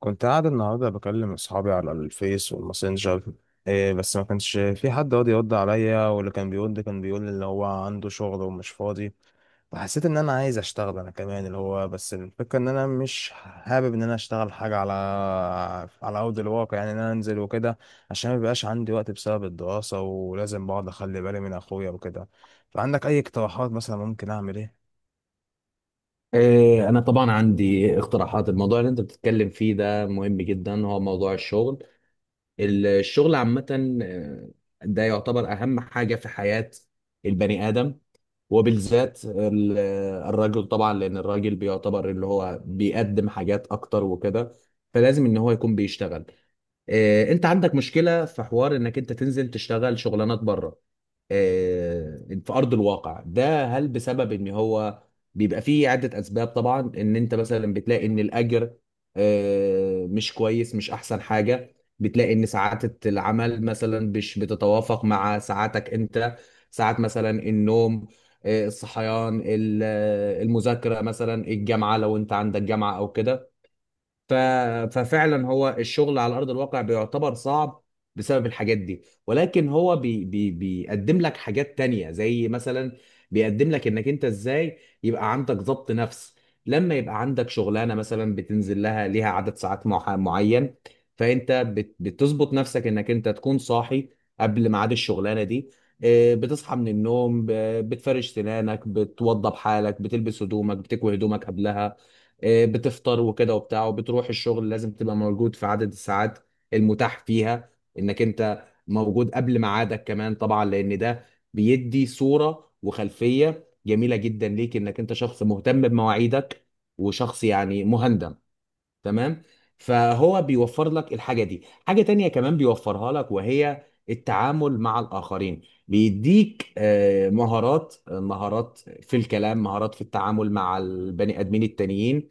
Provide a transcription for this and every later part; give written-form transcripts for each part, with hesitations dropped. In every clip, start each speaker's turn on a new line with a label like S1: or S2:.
S1: كنت قاعد النهارده بكلم اصحابي على الفيس والماسنجر. إيه، بس ما كانش في حد راضي يرد عليا، واللي كان بيرد كان بيقول اللي هو عنده شغل ومش فاضي. فحسيت ان انا عايز اشتغل انا كمان، اللي هو بس الفكره ان انا مش حابب ان انا اشتغل حاجه على ارض الواقع، يعني ان انا انزل وكده، عشان ما بيبقاش عندي وقت بسبب الدراسه، ولازم بقعد اخلي بالي من اخويا وكده. فعندك اي اقتراحات مثلا؟ ممكن اعمل ايه؟
S2: إيه، أنا طبعا عندي اقتراحات. الموضوع اللي أنت بتتكلم فيه ده مهم جدا، هو موضوع الشغل، الشغل عامة. آه، ده يعتبر أهم حاجة في حياة البني آدم، وبالذات الرجل طبعا، لأن الراجل بيعتبر اللي هو بيقدم حاجات أكتر وكده، فلازم إن هو يكون بيشتغل. إيه، أنت عندك مشكلة في حوار إنك أنت تنزل تشتغل شغلانات بره، آه، في ارض الواقع. ده هل بسبب ان هو بيبقى فيه عده اسباب طبعا، ان انت مثلا بتلاقي ان الاجر مش كويس، مش احسن حاجه، بتلاقي ان ساعات العمل مثلا مش بتتوافق مع ساعاتك انت، ساعات مثلا النوم، الصحيان، المذاكره مثلا، الجامعه لو انت عندك جامعه او كده. ف... ففعلا هو الشغل على ارض الواقع بيعتبر صعب بسبب الحاجات دي. ولكن هو بيقدم لك حاجات تانية، زي مثلا بيقدم لك انك انت ازاي يبقى عندك ضبط نفس. لما يبقى عندك شغلانه مثلا بتنزل لها، ليها عدد ساعات معين، فانت بتظبط نفسك انك انت تكون صاحي قبل ميعاد الشغلانه دي. بتصحى من النوم، بتفرش سنانك، بتوضب حالك، بتلبس هدومك، بتكوي هدومك قبلها، بتفطر وكده وبتاع، وبتروح الشغل. لازم تبقى موجود في عدد الساعات المتاح فيها، انك انت موجود قبل ميعادك كمان طبعا، لان ده بيدي صورة وخلفية جميلة جدا ليك، انك انت شخص مهتم بمواعيدك، وشخص يعني مهندم، تمام. فهو بيوفر لك الحاجة دي. حاجة تانية كمان بيوفرها لك، وهي التعامل مع الآخرين. بيديك مهارات، مهارات في الكلام، مهارات في التعامل مع البني آدمين التانيين،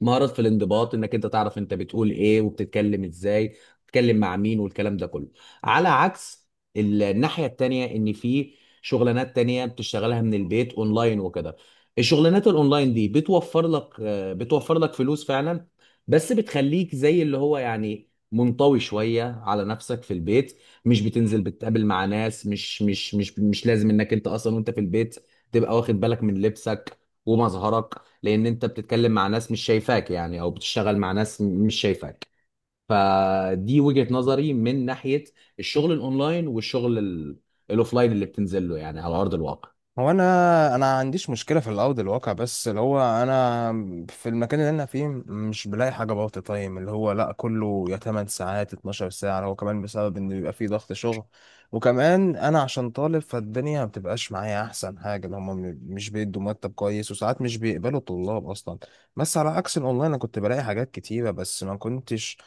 S2: مهارات في الانضباط، انك انت تعرف انت بتقول ايه وبتتكلم ازاي، بتتكلم مع مين، والكلام ده كله. على عكس الناحية التانية، ان في شغلانات تانية بتشتغلها من البيت اونلاين وكده. الشغلانات الاونلاين دي بتوفر لك، بتوفر لك فلوس فعلا، بس بتخليك زي اللي هو يعني منطوي شوية على نفسك في البيت. مش بتنزل بتقابل مع ناس، مش لازم انك انت اصلا وانت في البيت تبقى واخد بالك من لبسك ومظهرك، لان انت بتتكلم مع ناس مش شايفاك يعني، او بتشتغل مع ناس مش شايفاك. فدي وجهة نظري من ناحية الشغل الاونلاين، والشغل الاوفلاين اللي بتنزل له يعني على ارض الواقع.
S1: هو انا عنديش مشكله في الارض الواقع، بس اللي هو انا في المكان اللي انا فيه مش بلاقي حاجه بارت تايم، اللي هو لا، كله يا 8 ساعات 12 ساعه، اللي هو كمان بسبب ان بيبقى فيه ضغط شغل. وكمان انا عشان طالب فالدنيا ما بتبقاش معايا احسن حاجه، اللي هم مش بيدوا مرتب كويس، وساعات مش بيقبلوا الطلاب اصلا. بس على عكس الاونلاين انا كنت بلاقي حاجات كتيره، بس ما كنتش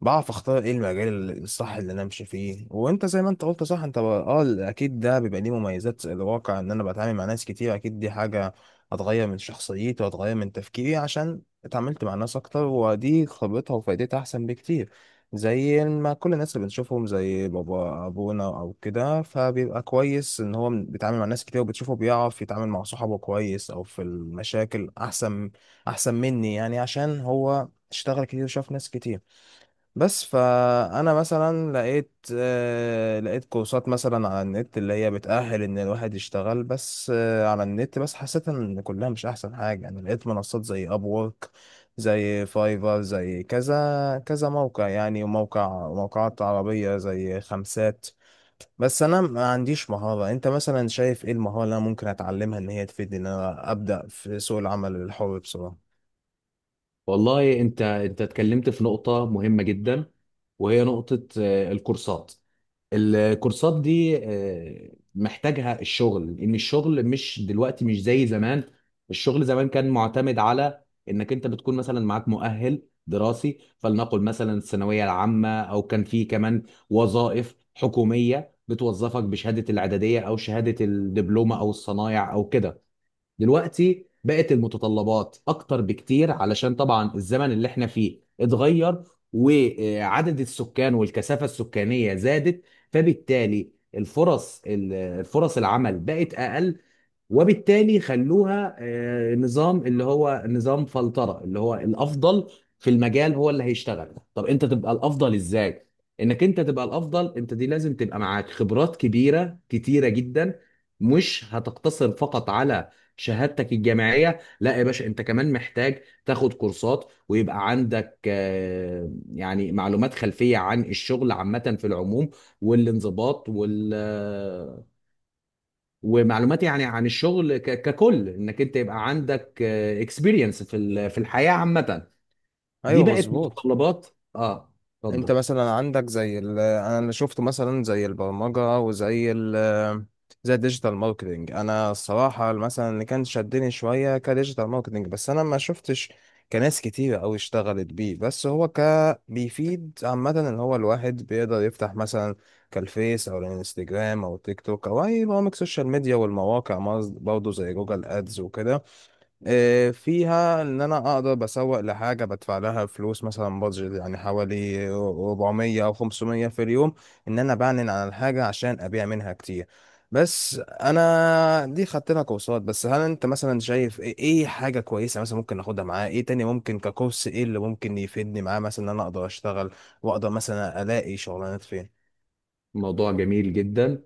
S1: بعرف اختار ايه المجال الصح اللي انا امشي فيه. وانت زي ما انت قلت صح، اه اكيد ده بيبقى ليه مميزات الواقع، ان انا بتعامل مع ناس كتير. اكيد دي حاجة هتغير من شخصيتي وهتغير من تفكيري، عشان اتعاملت مع ناس اكتر، ودي خبرتها وفائدتها احسن بكتير. زي ما كل الناس اللي بنشوفهم زي بابا ابونا او كده، فبيبقى كويس ان هو بيتعامل مع ناس كتير، وبتشوفه بيعرف يتعامل مع صحابه كويس، او في المشاكل احسن، احسن مني يعني، عشان هو اشتغل كتير وشاف ناس كتير. بس فانا مثلا لقيت، لقيت كورسات مثلا على النت اللي هي بتأهل ان الواحد يشتغل. بس على النت بس حسيت ان كلها مش احسن حاجة. انا لقيت منصات زي ابورك، زي فايفر، زي كذا كذا موقع يعني، وموقع، وموقعات عربية زي خمسات. بس انا ما عنديش مهارة. انت مثلا شايف ايه المهارة اللي انا ممكن اتعلمها ان هي تفيدني، ان انا ابدأ في سوق العمل الحر بسرعة؟
S2: والله انت، انت اتكلمت في نقطة مهمة جدا، وهي نقطة الكورسات. الكورسات دي محتاجها الشغل، ان الشغل مش دلوقتي مش زي زمان. الشغل زمان كان معتمد على انك انت بتكون مثلا معاك مؤهل دراسي، فلنقل مثلا الثانويه العامه، او كان في كمان وظائف حكوميه بتوظفك بشهاده الاعداديه او شهاده الدبلومه او الصنايع او كده. دلوقتي بقت المتطلبات اكتر بكتير، علشان طبعا الزمن اللي احنا فيه اتغير، وعدد السكان والكثافة السكانية زادت، فبالتالي الفرص الفرص العمل بقت اقل. وبالتالي خلوها نظام اللي هو نظام فلترة، اللي هو الافضل في المجال هو اللي هيشتغل. طب انت تبقى الافضل ازاي؟ انك انت تبقى الافضل انت، دي لازم تبقى معاك خبرات كبيرة كتيرة جدا، مش هتقتصر فقط على شهادتك الجامعية. لا يا باشا، انت كمان محتاج تاخد كورسات، ويبقى عندك يعني معلومات خلفية عن الشغل عامة في العموم، والانضباط، وال آه، ومعلومات يعني عن الشغل ككل، انك انت يبقى عندك اكسبيرينس في في الحياة عامة. دي
S1: ايوه
S2: بقت
S1: مظبوط.
S2: متطلبات. اه،
S1: انت
S2: اتفضل.
S1: مثلا عندك انا اللي شفته مثلا زي البرمجه زي الديجيتال ماركتنج. انا الصراحه مثلا اللي كان شدني شويه كديجيتال ماركتنج، بس انا ما شفتش كناس كتيره قوي اشتغلت بيه. بس هو بيفيد عامه، اللي هو الواحد بيقدر يفتح مثلا كالفيس او الانستجرام او تيك توك او اي برامج سوشيال ميديا والمواقع برضه زي جوجل ادز وكده. فيها ان انا اقدر بسوق لحاجه بدفع لها فلوس، مثلا بادجت يعني حوالي 400 او 500 في اليوم، ان انا بعلن عن الحاجه عشان ابيع منها كتير. بس انا دي خدت لها كورسات. بس هل انت مثلا شايف إيه حاجه كويسه مثلا ممكن اخدها معاه؟ ايه تاني ممكن ككورس؟ ايه اللي ممكن يفيدني معاه، مثلا ان انا اقدر اشتغل واقدر مثلا الاقي شغلانات فين؟
S2: موضوع جميل جدا.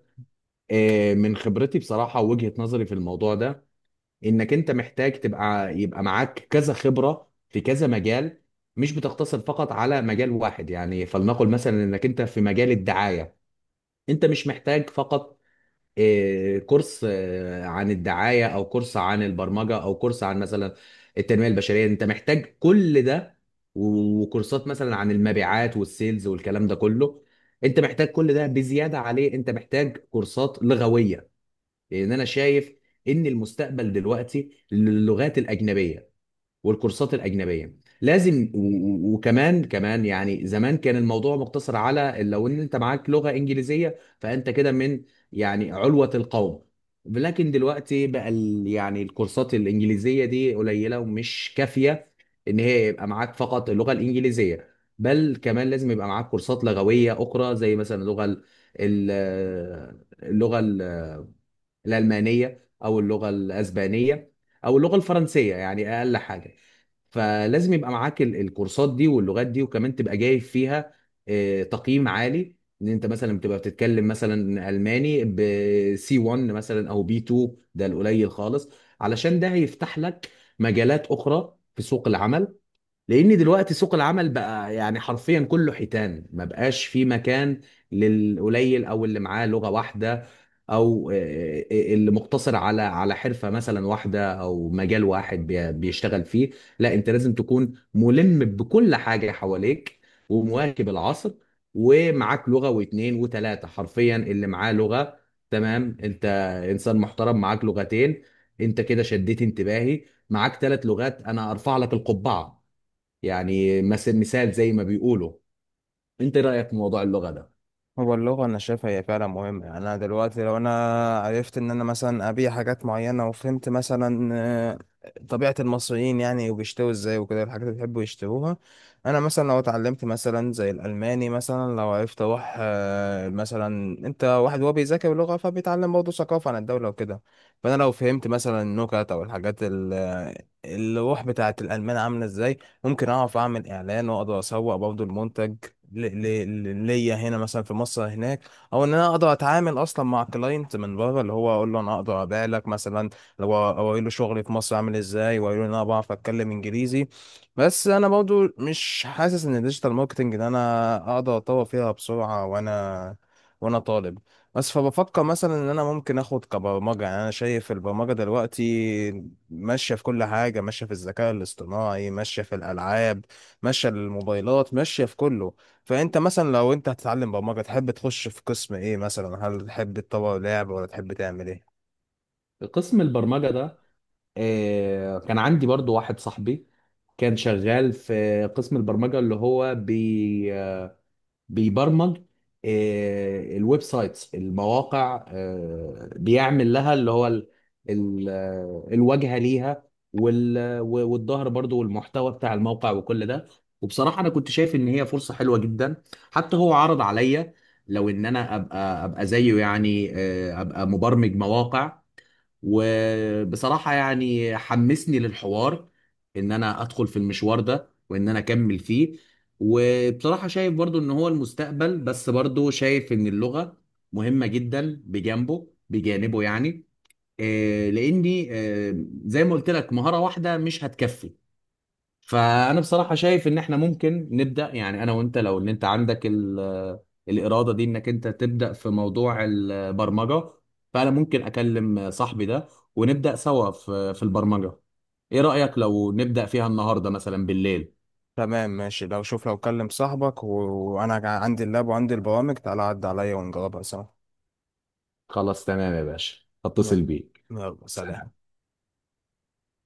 S2: من خبرتي بصراحة ووجهة نظري في الموضوع ده، انك انت محتاج تبقى، يبقى معاك كذا خبرة في كذا مجال، مش بتقتصر فقط على مجال واحد. يعني فلنقل مثلا انك انت في مجال الدعاية، انت مش محتاج فقط كورس عن الدعاية، او كورس عن البرمجة، او كورس عن مثلا التنمية البشرية. انت محتاج كل ده، وكورسات مثلا عن المبيعات والسيلز والكلام ده كله. انت محتاج كل ده، بزيادة عليه انت محتاج كورسات لغوية، لان انا شايف ان المستقبل دلوقتي للغات الأجنبية. والكورسات الاجنبيه لازم، وكمان، كمان يعني زمان كان الموضوع مقتصر على لو ان انت معاك لغه انجليزيه، فانت كده من يعني علوه القوم. لكن دلوقتي بقى يعني الكورسات الانجليزيه دي قليله ومش كافيه، ان هي يبقى معاك فقط اللغه الانجليزيه. بل كمان لازم يبقى معاك كورسات لغويه اخرى، زي مثلا ال- اللغه الألمانية، أو اللغة الأسبانية، أو اللغة الفرنسية، يعني أقل حاجة. فلازم يبقى معاك الكورسات دي واللغات دي، وكمان تبقى جايب فيها تقييم عالي، ان انت مثلا بتبقى بتتكلم مثلا الماني ب سي C1 مثلا، او بي B2، ده القليل خالص. علشان ده هيفتح لك مجالات اخرى في سوق العمل، لان دلوقتي سوق العمل بقى يعني حرفيا كله حيتان، ما بقاش في مكان للقليل او اللي معاه لغة واحدة، او اللي مقتصر على على حرفة مثلا واحدة او مجال واحد بيشتغل فيه. لا، انت لازم تكون ملم بكل حاجة حواليك، ومواكب العصر، ومعاك لغة واتنين وتلاتة. حرفيا اللي معاه لغة، تمام. انت انسان محترم، معاك لغتين، انت كده شديت انتباهي. معاك ثلاث لغات، انا ارفع لك القبعة، يعني مثل، مثال زي ما بيقولوا. انت إيه رأيك في موضوع اللغة ده؟
S1: هو اللغة أنا شايفها هي فعلا مهمة. يعني أنا دلوقتي لو أنا عرفت إن أنا مثلا أبيع حاجات معينة، وفهمت مثلا طبيعة المصريين يعني، وبيشتروا إزاي وكده الحاجات اللي بيحبوا يشتروها. أنا مثلا لو اتعلمت مثلا زي الألماني، مثلا لو عرفت أروح، مثلا أنت واحد هو بيذاكر لغة فبيتعلم برضه ثقافة عن الدولة وكده. فأنا لو فهمت مثلا النكت أو الروح بتاعة الألمان عاملة إزاي، ممكن أعرف أعمل إعلان وأقدر أسوق برضه المنتج ليا هنا مثلا في مصر هناك، او ان انا اقدر اتعامل اصلا مع كلاينت من بره، اللي هو اقول له انا اقدر ابيع لك مثلا، لو اقول له شغلي في مصر عامل ازاي، واقول له إن انا بعرف اتكلم انجليزي. بس انا برضو مش حاسس ان الديجيتال ماركتنج ده انا اقدر اتطور فيها بسرعه، وانا طالب. بس فبفكر مثلا ان انا ممكن اخد كبرمجه. يعني انا شايف البرمجه دلوقتي ماشيه في كل حاجه، ماشيه في الذكاء الاصطناعي، ماشيه في الالعاب، ماشيه الموبايلات، ماشيه في كله. فانت مثلا لو انت هتتعلم برمجه تحب تخش في قسم ايه مثلا؟ هل تحب تطور لعب، ولا تحب تعمل ايه؟
S2: قسم البرمجة ده، كان عندي برضو واحد صاحبي كان شغال في قسم البرمجة، اللي هو بيبرمج الويب سايتس، المواقع، بيعمل لها اللي هو الواجهة ليها، و والظهر برضو، والمحتوى بتاع الموقع وكل ده. وبصراحة أنا كنت شايف إن هي فرصة حلوة جدا، حتى هو عرض عليا لو إن أنا أبقى أبقى زيه، يعني أبقى مبرمج مواقع. وبصراحة يعني حمسني للحوار ان انا ادخل في المشوار ده وان انا اكمل فيه. وبصراحة شايف برضو ان هو المستقبل، بس برضو شايف ان اللغة مهمة جدا بجانبه، بجانبه يعني، لاني زي ما قلت لك مهارة واحدة مش هتكفي. فانا بصراحه شايف ان احنا ممكن نبدا، يعني انا وانت، لو ان انت عندك ال آه، الاراده دي انك انت تبدا في موضوع البرمجه، فانا ممكن اكلم صاحبي ده، ونبدا سوا في البرمجه. ايه رايك لو نبدا فيها النهارده مثلا بالليل؟
S1: تمام ماشي. لو شوف لو كلم صاحبك وانا عندي اللاب وعندي البرامج، تعالى عد عليا ونجربها سوا.
S2: خلاص تمام يا باشا،
S1: يلا،
S2: هتصل بيك.
S1: يلا، سلام.
S2: سلام.